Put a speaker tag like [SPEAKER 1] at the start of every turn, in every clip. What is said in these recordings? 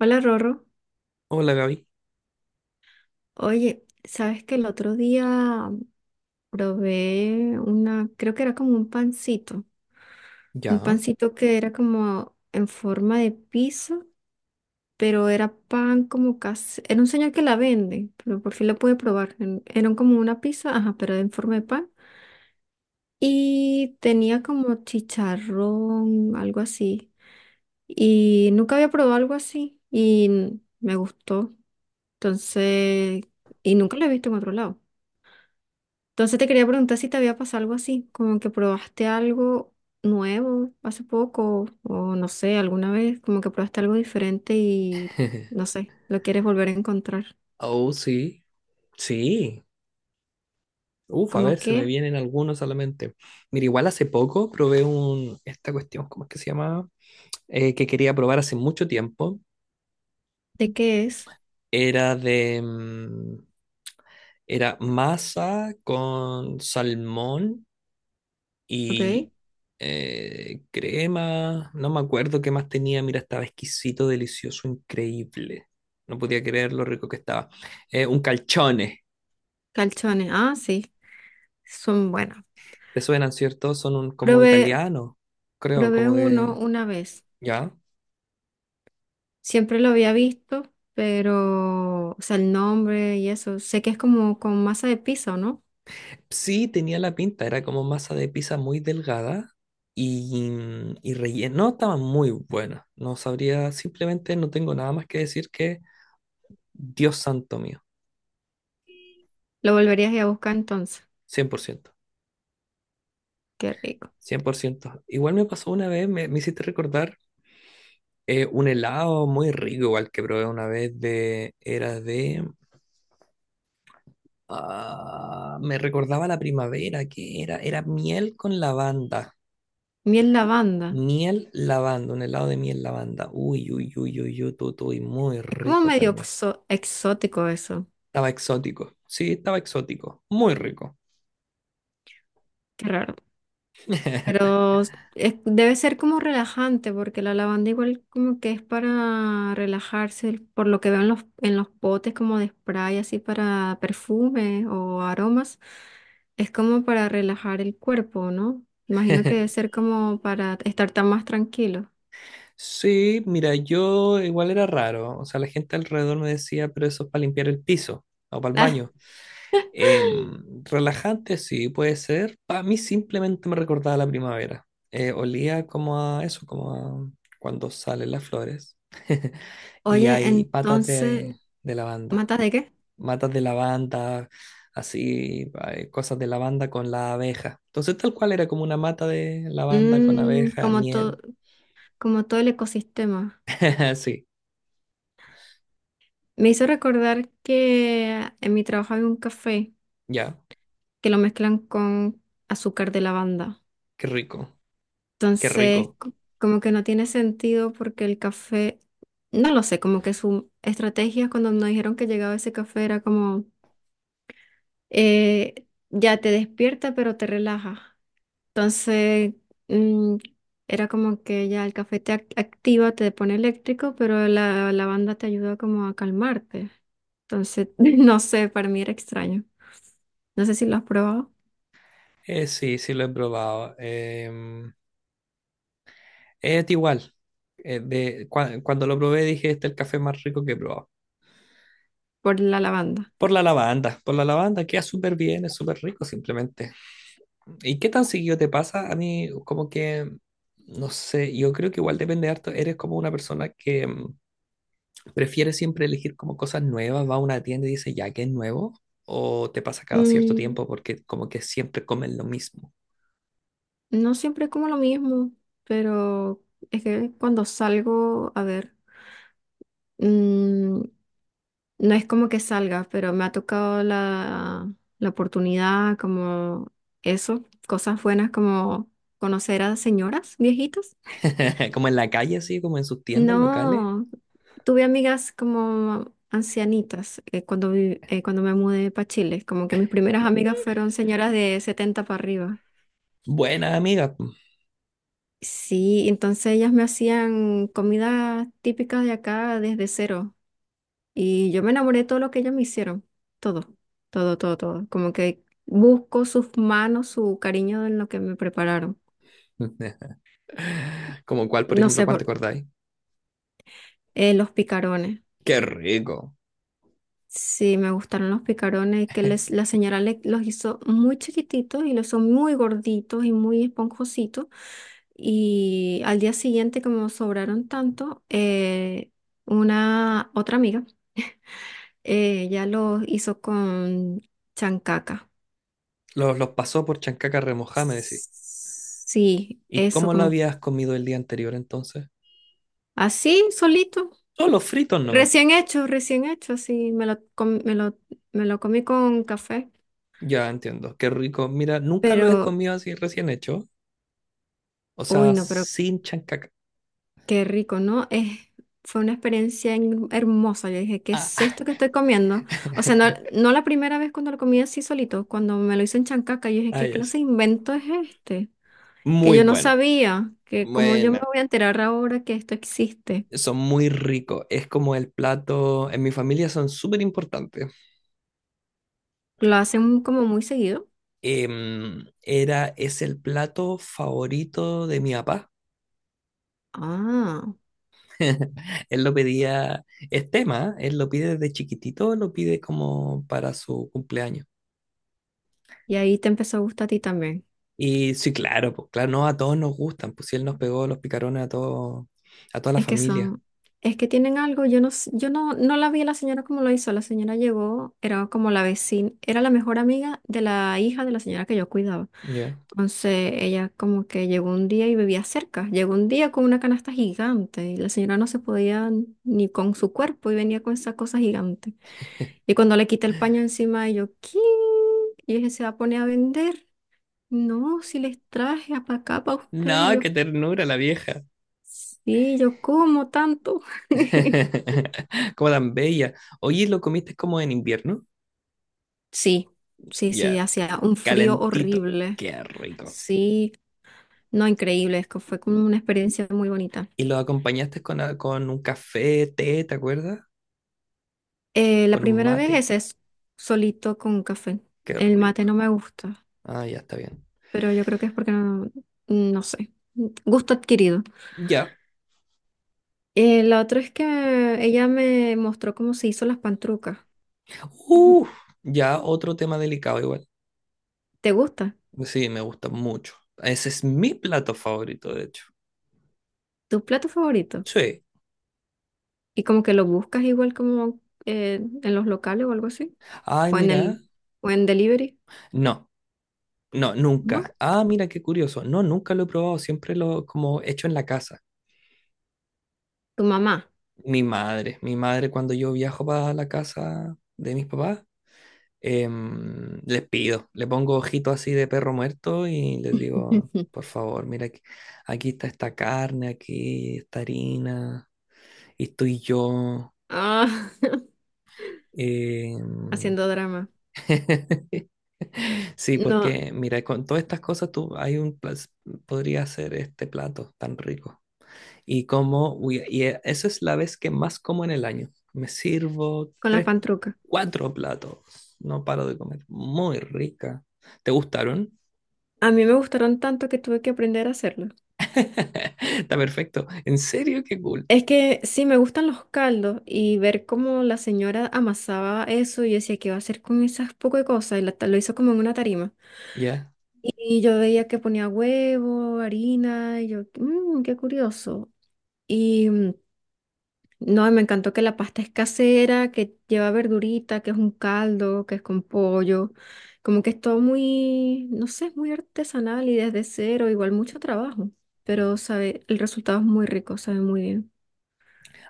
[SPEAKER 1] Hola Rorro,
[SPEAKER 2] Hola Gaby.
[SPEAKER 1] oye, sabes que el otro día probé una, creo que era como un
[SPEAKER 2] Ya.
[SPEAKER 1] pancito que era como en forma de pizza, pero era pan como casi, era un señor que la vende, pero por fin lo pude probar, era como una pizza, ajá, pero en forma de pan, y tenía como chicharrón, algo así, y nunca había probado algo así, y me gustó, entonces, y nunca lo he visto en otro lado. Entonces te quería preguntar si te había pasado algo así, como que probaste algo nuevo hace poco o no sé, alguna vez, como que probaste algo diferente y no sé, lo quieres volver a encontrar.
[SPEAKER 2] Oh, sí. Sí. Uf, a ver,
[SPEAKER 1] ¿Cómo
[SPEAKER 2] se me
[SPEAKER 1] qué?
[SPEAKER 2] vienen algunos a la mente. Mira, igual hace poco probé un, esta cuestión, ¿cómo es que se llama? Que quería probar hace mucho tiempo.
[SPEAKER 1] ¿De qué es?
[SPEAKER 2] Era de, era masa con salmón
[SPEAKER 1] ¿Ok?
[SPEAKER 2] y crema. No me acuerdo qué más tenía. Mira, estaba exquisito, delicioso, increíble. No podía creer lo rico que estaba. Un calchone.
[SPEAKER 1] Calzones. Ah, sí, son buenos.
[SPEAKER 2] Te suenan, ¿cierto? Son un, como
[SPEAKER 1] Probé,
[SPEAKER 2] italianos, creo,
[SPEAKER 1] probé
[SPEAKER 2] como
[SPEAKER 1] uno
[SPEAKER 2] de...
[SPEAKER 1] una vez.
[SPEAKER 2] ¿Ya?
[SPEAKER 1] Siempre lo había visto, pero, o sea, el nombre y eso. Sé que es como con masa de piso, ¿no?
[SPEAKER 2] Sí, tenía la pinta, era como masa de pizza muy delgada y, y relleno. No, estaban muy buenas. No sabría, simplemente no tengo nada más que decir que Dios santo mío,
[SPEAKER 1] Lo volverías a ir a buscar entonces.
[SPEAKER 2] cien por ciento,
[SPEAKER 1] Qué rico.
[SPEAKER 2] 100%. Igual me pasó una vez, me hiciste recordar un helado muy rico, igual que probé una vez de... Era de... ah, me recordaba la primavera, que era, era miel con lavanda.
[SPEAKER 1] Miel lavanda.
[SPEAKER 2] Miel lavanda, un helado de miel lavanda. Uy, uy, uy, uy, uy, muy
[SPEAKER 1] Es como
[SPEAKER 2] rico
[SPEAKER 1] medio
[SPEAKER 2] también.
[SPEAKER 1] exótico eso,
[SPEAKER 2] Estaba exótico. Sí, estaba exótico. Muy rico.
[SPEAKER 1] qué raro. Pero debe ser como relajante, porque la lavanda igual como que es para relajarse, por lo que veo en los, potes como de spray, así para perfume o aromas, es como para relajar el cuerpo, ¿no? Imagino que debe ser como para estar tan más tranquilo.
[SPEAKER 2] Sí, mira, yo igual era raro. O sea, la gente alrededor me decía, pero eso es para limpiar el piso o para el
[SPEAKER 1] Ah,
[SPEAKER 2] baño. Relajante, sí, puede ser. Para mí simplemente me recordaba la primavera. Olía como a eso, como a cuando salen las flores y
[SPEAKER 1] oye,
[SPEAKER 2] hay patas
[SPEAKER 1] entonces,
[SPEAKER 2] de lavanda.
[SPEAKER 1] ¿matas de qué?
[SPEAKER 2] Matas de lavanda, así, cosas de lavanda con la abeja. Entonces, tal cual era como una mata de lavanda con abeja,
[SPEAKER 1] Como todo,
[SPEAKER 2] miel.
[SPEAKER 1] como todo el ecosistema.
[SPEAKER 2] Sí,
[SPEAKER 1] Me hizo recordar que en mi trabajo había un café
[SPEAKER 2] ya,
[SPEAKER 1] que lo mezclan con azúcar de lavanda.
[SPEAKER 2] qué rico, qué
[SPEAKER 1] Entonces,
[SPEAKER 2] rico.
[SPEAKER 1] como que no tiene sentido porque el café, no lo sé, como que su estrategia cuando nos dijeron que llegaba ese café era como, ya te despierta pero te relaja. Entonces, mm, era como que ya el café te activa, te pone eléctrico, pero la lavanda te ayuda como a calmarte. Entonces, no sé, para mí era extraño. No sé si lo has probado
[SPEAKER 2] Sí, sí lo he probado. Es igual. Cuando lo probé dije, este es el café más rico que he probado.
[SPEAKER 1] por la lavanda.
[SPEAKER 2] Por la lavanda, queda súper bien, es súper rico simplemente. ¿Y qué tan seguido te pasa? A mí como que, no sé, yo creo que igual depende harto, eres como una persona que, ¿prefieres siempre elegir como cosas nuevas? Va a una tienda y dice, ya que es nuevo, o te pasa cada cierto
[SPEAKER 1] Mm,
[SPEAKER 2] tiempo porque como que siempre comen lo mismo.
[SPEAKER 1] no siempre como lo mismo, pero es que cuando salgo, a ver, no es como que salga, pero me ha tocado la oportunidad, como eso, cosas buenas como conocer a señoras viejitas.
[SPEAKER 2] Como en la calle, así, como en sus tiendas locales.
[SPEAKER 1] No, tuve amigas como ancianitas cuando, cuando me mudé para Chile, como que mis primeras amigas fueron señoras de 70 para arriba.
[SPEAKER 2] Buena amiga.
[SPEAKER 1] Sí, entonces ellas me hacían comida típica de acá desde cero. Y yo me enamoré de todo lo que ellos me hicieron, todo, todo, todo, todo. Como que busco sus manos, su cariño en lo que me prepararon.
[SPEAKER 2] ¿Como cuál, por
[SPEAKER 1] No
[SPEAKER 2] ejemplo,
[SPEAKER 1] sé,
[SPEAKER 2] cuál te acordáis?
[SPEAKER 1] los picarones.
[SPEAKER 2] Qué rico.
[SPEAKER 1] Sí, me gustaron los picarones, que la señora los hizo muy chiquititos y los son muy gorditos y muy esponjositos. Y al día siguiente, como sobraron tanto, una otra amiga, ella los hizo con chancaca.
[SPEAKER 2] Los pasó por chancaca remojada, me decís.
[SPEAKER 1] Sí,
[SPEAKER 2] ¿Y
[SPEAKER 1] eso,
[SPEAKER 2] cómo lo
[SPEAKER 1] como
[SPEAKER 2] habías comido el día anterior entonces?
[SPEAKER 1] así, solito.
[SPEAKER 2] Solo fritos nomás.
[SPEAKER 1] Recién hecho, así. Me lo comí con café.
[SPEAKER 2] Ya entiendo, qué rico. Mira, nunca los he
[SPEAKER 1] Pero,
[SPEAKER 2] comido así recién hecho. O
[SPEAKER 1] uy,
[SPEAKER 2] sea,
[SPEAKER 1] no, pero
[SPEAKER 2] sin chancaca.
[SPEAKER 1] qué rico, ¿no? Fue una experiencia hermosa. Yo dije, ¿qué es
[SPEAKER 2] Ah,
[SPEAKER 1] esto que estoy comiendo? O sea, no, no la primera vez cuando lo comí así solito, cuando me lo hizo en Chancaca, yo dije,
[SPEAKER 2] ah,
[SPEAKER 1] ¿qué
[SPEAKER 2] ya sí.
[SPEAKER 1] clase de invento es este? Que
[SPEAKER 2] Muy
[SPEAKER 1] yo no
[SPEAKER 2] bueno.
[SPEAKER 1] sabía, que como yo me
[SPEAKER 2] Bueno,
[SPEAKER 1] voy a enterar ahora que esto existe.
[SPEAKER 2] son muy ricos. Es como el plato, en mi familia son súper importantes.
[SPEAKER 1] Lo hacen como muy seguido.
[SPEAKER 2] Es el plato favorito de mi papá.
[SPEAKER 1] Ah.
[SPEAKER 2] Él lo pedía, es tema, ¿eh? Él lo pide desde chiquitito, lo pide como para su cumpleaños.
[SPEAKER 1] Y ahí te empezó a gustar a ti también.
[SPEAKER 2] Y sí, claro, pues claro, no a todos nos gustan, pues si él nos pegó los picarones a todos, a toda la
[SPEAKER 1] Es que
[SPEAKER 2] familia.
[SPEAKER 1] son, es que tienen algo, yo no, s- yo no, no la vi a la señora como lo hizo. La señora llegó, era como la vecina, era la mejor amiga de la hija de la señora que yo cuidaba.
[SPEAKER 2] Ya.
[SPEAKER 1] Entonces ella como que llegó un día y vivía cerca. Llegó un día con una canasta gigante y la señora no se podía ni con su cuerpo y venía con esa cosa gigante. Y cuando le quité el paño encima, y yo, ¿qué? Y dije, se va a poner a vender. No, si les traje para acá para ustedes.
[SPEAKER 2] No, qué ternura la vieja.
[SPEAKER 1] Sí, yo como tanto.
[SPEAKER 2] Como tan bella. Oye, ¿lo comiste como en invierno?
[SPEAKER 1] Sí, sí, sí,
[SPEAKER 2] Ya,
[SPEAKER 1] hacía un frío
[SPEAKER 2] calentito.
[SPEAKER 1] horrible.
[SPEAKER 2] Qué rico.
[SPEAKER 1] Sí, no, increíble, es que fue como una experiencia muy bonita.
[SPEAKER 2] Y lo acompañaste con, a- con un café, té, ¿te acuerdas?
[SPEAKER 1] La
[SPEAKER 2] Con un
[SPEAKER 1] primera vez
[SPEAKER 2] mate.
[SPEAKER 1] es solito con café.
[SPEAKER 2] Qué
[SPEAKER 1] El mate no
[SPEAKER 2] rico.
[SPEAKER 1] me gusta,
[SPEAKER 2] Ah, ya está bien.
[SPEAKER 1] pero yo creo que es porque no sé, gusto adquirido.
[SPEAKER 2] Ya.
[SPEAKER 1] La otra es que ella me mostró cómo se hizo las pantrucas. Mm,
[SPEAKER 2] Uf, ya otro tema delicado igual.
[SPEAKER 1] ¿Te gusta?
[SPEAKER 2] Sí, me gusta mucho. Ese es mi plato favorito, de hecho.
[SPEAKER 1] ¿Tu plato favorito?
[SPEAKER 2] Sí.
[SPEAKER 1] Y como que lo buscas igual como en los locales o algo así.
[SPEAKER 2] Ay,
[SPEAKER 1] o en
[SPEAKER 2] mira.
[SPEAKER 1] el, o en delivery,
[SPEAKER 2] No, no,
[SPEAKER 1] ¿no?
[SPEAKER 2] nunca. Ah, mira, qué curioso. No, nunca lo he probado. Siempre lo como hecho en la casa.
[SPEAKER 1] Tu mamá.
[SPEAKER 2] Mi madre cuando yo viajo para la casa de mis papás les pido, le pongo ojito así de perro muerto y les digo, por favor, mira, aquí, aquí está esta carne, aquí esta harina, y estoy yo.
[SPEAKER 1] Ah,
[SPEAKER 2] em,
[SPEAKER 1] haciendo drama.
[SPEAKER 2] Sí,
[SPEAKER 1] No,
[SPEAKER 2] porque mira, con todas estas cosas tú hay un plas- podría hacer este plato tan rico. Y como uy, y e- esa es la vez que más como en el año. Me sirvo
[SPEAKER 1] con las
[SPEAKER 2] tres,
[SPEAKER 1] pantrucas.
[SPEAKER 2] cuatro platos. No paro de comer. Muy rica. ¿Te gustaron?
[SPEAKER 1] A mí me gustaron tanto que tuve que aprender a hacerlo.
[SPEAKER 2] Está perfecto. ¿En serio? Qué cool.
[SPEAKER 1] Es que sí, me gustan los caldos y ver cómo la señora amasaba eso y yo decía, ¿qué va a hacer con esas poco de cosas? Y lo hizo como en una tarima.
[SPEAKER 2] Ya.
[SPEAKER 1] Y yo veía que ponía huevo, harina, y yo, qué curioso." Y no, y me encantó que la pasta es casera, que lleva verdurita, que es un caldo, que es con pollo. Como que es todo muy, no sé, es muy artesanal y desde cero, igual mucho trabajo. Pero sabe, el resultado es muy rico, sabe muy bien.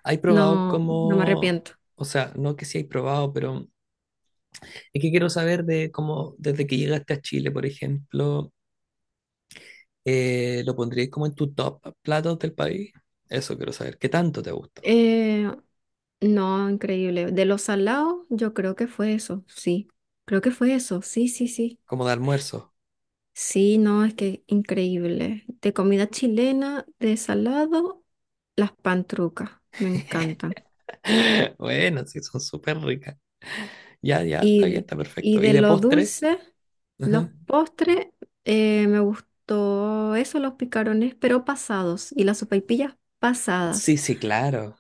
[SPEAKER 2] ¿Hay probado
[SPEAKER 1] No, no me
[SPEAKER 2] cómo,
[SPEAKER 1] arrepiento.
[SPEAKER 2] o sea, no que sí hay probado, pero es que quiero saber de cómo, desde que llegaste a Chile, por ejemplo, lo pondrías como en tu top platos del país? Eso quiero saber. ¿Qué tanto te gustó?
[SPEAKER 1] Eh, no, increíble. De los salados, yo creo que fue eso, sí. Creo que fue eso, sí, sí, sí.
[SPEAKER 2] Como de almuerzo.
[SPEAKER 1] Sí, no, es que increíble. De comida chilena, de salado, las pantrucas, me encantan.
[SPEAKER 2] Bueno, sí, son súper ricas. Ya, ya, está bien,
[SPEAKER 1] Y,
[SPEAKER 2] está
[SPEAKER 1] y
[SPEAKER 2] perfecto. ¿Y
[SPEAKER 1] de
[SPEAKER 2] de
[SPEAKER 1] lo
[SPEAKER 2] postre?
[SPEAKER 1] dulce, los
[SPEAKER 2] Ajá.
[SPEAKER 1] postres, me gustó eso, los picarones, pero pasados, y las sopaipillas
[SPEAKER 2] Sí,
[SPEAKER 1] pasadas.
[SPEAKER 2] sí, claro.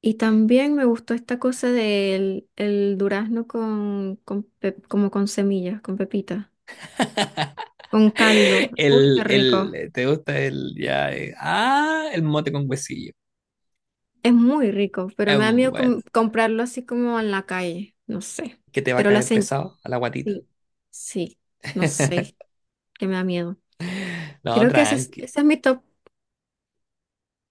[SPEAKER 1] Y también me gustó esta cosa del el durazno con, como con semillas, con pepitas, con caldo. Uy, qué rico.
[SPEAKER 2] El, ¿te gusta el, ya, el mote con huesillo?
[SPEAKER 1] Es muy rico, pero
[SPEAKER 2] Es
[SPEAKER 1] me da miedo
[SPEAKER 2] bueno.
[SPEAKER 1] comprarlo así como en la calle, no sé.
[SPEAKER 2] Que te va a
[SPEAKER 1] Pero la
[SPEAKER 2] caer
[SPEAKER 1] señal,
[SPEAKER 2] pesado a la guatita.
[SPEAKER 1] sí, sí, no sé, que me da miedo.
[SPEAKER 2] No,
[SPEAKER 1] Creo que ese es,
[SPEAKER 2] tranqui.
[SPEAKER 1] ese es mi top.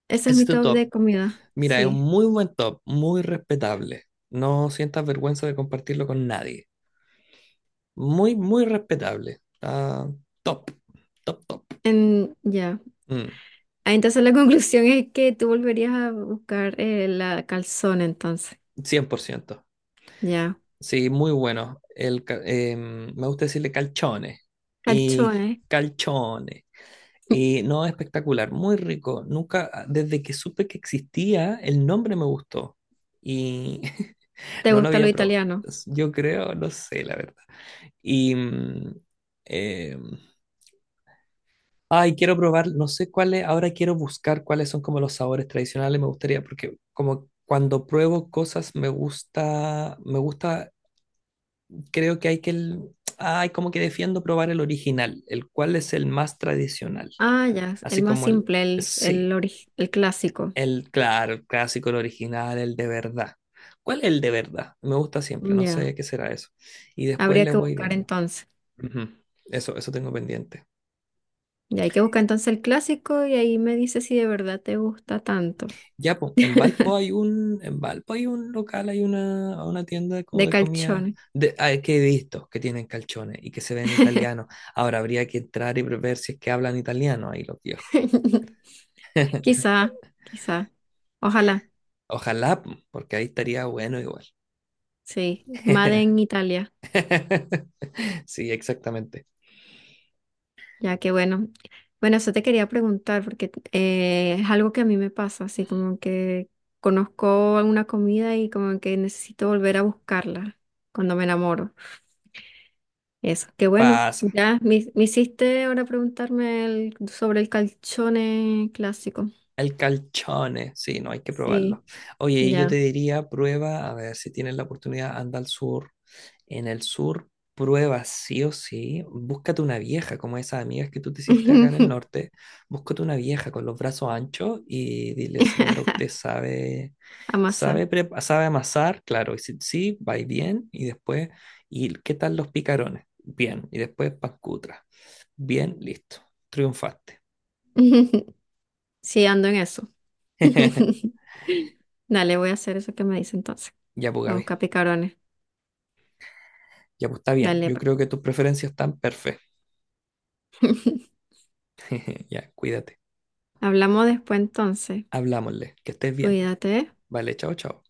[SPEAKER 1] Ese es
[SPEAKER 2] Ese es
[SPEAKER 1] mi
[SPEAKER 2] tu
[SPEAKER 1] top
[SPEAKER 2] top.
[SPEAKER 1] de comida,
[SPEAKER 2] Mira, es un
[SPEAKER 1] sí.
[SPEAKER 2] muy buen top, muy respetable. No sientas vergüenza de compartirlo con nadie. Muy, muy respetable. Está top, top, top.
[SPEAKER 1] En, ya.
[SPEAKER 2] Mm,
[SPEAKER 1] Ah, entonces la conclusión es que tú volverías a buscar la calzone, entonces.
[SPEAKER 2] 100%.
[SPEAKER 1] Ya.
[SPEAKER 2] Sí, muy bueno. Me gusta decirle calchones y
[SPEAKER 1] Calzone.
[SPEAKER 2] calchones. Y no, espectacular, muy rico. Nunca, desde que supe que existía, el nombre me gustó. Y
[SPEAKER 1] ¿Te
[SPEAKER 2] no lo
[SPEAKER 1] gusta lo
[SPEAKER 2] había probado.
[SPEAKER 1] italiano?
[SPEAKER 2] Yo creo, no sé, la verdad. Y... mm, eh, Ay, quiero probar, no sé cuáles, ahora quiero buscar cuáles son como los sabores tradicionales, me gustaría, porque como cuando pruebo cosas me gusta, creo que hay que, ay, como que defiendo probar el original, el cual es el más tradicional,
[SPEAKER 1] Ah, ya. El
[SPEAKER 2] así
[SPEAKER 1] más
[SPEAKER 2] como el,
[SPEAKER 1] simple, el, el,
[SPEAKER 2] sí,
[SPEAKER 1] ori- el clásico.
[SPEAKER 2] el, claro, el clásico, el original, el de verdad. ¿Cuál es el de verdad? Me gusta siempre, no
[SPEAKER 1] Ya.
[SPEAKER 2] sé qué será eso. Y después
[SPEAKER 1] Habría
[SPEAKER 2] les
[SPEAKER 1] que
[SPEAKER 2] voy
[SPEAKER 1] buscar
[SPEAKER 2] viendo.
[SPEAKER 1] entonces.
[SPEAKER 2] Ujú. Eso tengo pendiente.
[SPEAKER 1] Ya hay que buscar entonces el clásico y ahí me dices si de verdad te gusta tanto.
[SPEAKER 2] Ya, pues, en Valpo hay un local, hay una tienda como
[SPEAKER 1] De
[SPEAKER 2] de comida,
[SPEAKER 1] calzone.
[SPEAKER 2] de, ah, que he visto que tienen calzones y que se ven italianos. Ahora habría que entrar y ver si es que hablan italiano ahí los viejos.
[SPEAKER 1] Quizá, quizá. Ojalá.
[SPEAKER 2] Ojalá, po, porque ahí estaría bueno igual.
[SPEAKER 1] Sí. Made en Italia.
[SPEAKER 2] Sí, exactamente.
[SPEAKER 1] Ya, que bueno. Bueno, eso te quería preguntar porque es algo que a mí me pasa, así como que conozco alguna comida y como que necesito volver a buscarla cuando me enamoro. Eso, qué bueno.
[SPEAKER 2] Pasa.
[SPEAKER 1] Ya, me hiciste ahora preguntarme sobre el calzone clásico.
[SPEAKER 2] El calzone, sí, no hay que probarlo.
[SPEAKER 1] Sí,
[SPEAKER 2] Oye, y yo te
[SPEAKER 1] ya.
[SPEAKER 2] diría, prueba, a ver si tienes la oportunidad, anda al sur. En el sur, prueba sí o sí, búscate una vieja, como esas amigas que tú te hiciste acá en el norte, búscate una vieja con los brazos anchos y dile, señora, usted sabe,
[SPEAKER 1] Amasar.
[SPEAKER 2] sabe, prepa- sabe amasar, claro, y si sí, va y bien, y después, ¿y qué tal los picarones? Bien, y después pancutra. Bien, listo, triunfaste.
[SPEAKER 1] Sí, ando en eso. Dale, voy a hacer eso que me dice entonces.
[SPEAKER 2] Ya, pues,
[SPEAKER 1] Vamos a
[SPEAKER 2] Gaby,
[SPEAKER 1] buscar picarones.
[SPEAKER 2] ya, pues, está bien,
[SPEAKER 1] Dale,
[SPEAKER 2] yo
[SPEAKER 1] pues.
[SPEAKER 2] creo que tus preferencias están perfectas. Ya, cuídate,
[SPEAKER 1] Hablamos después entonces.
[SPEAKER 2] hablámosle, que estés bien.
[SPEAKER 1] Cuídate.
[SPEAKER 2] Vale, chao, chao.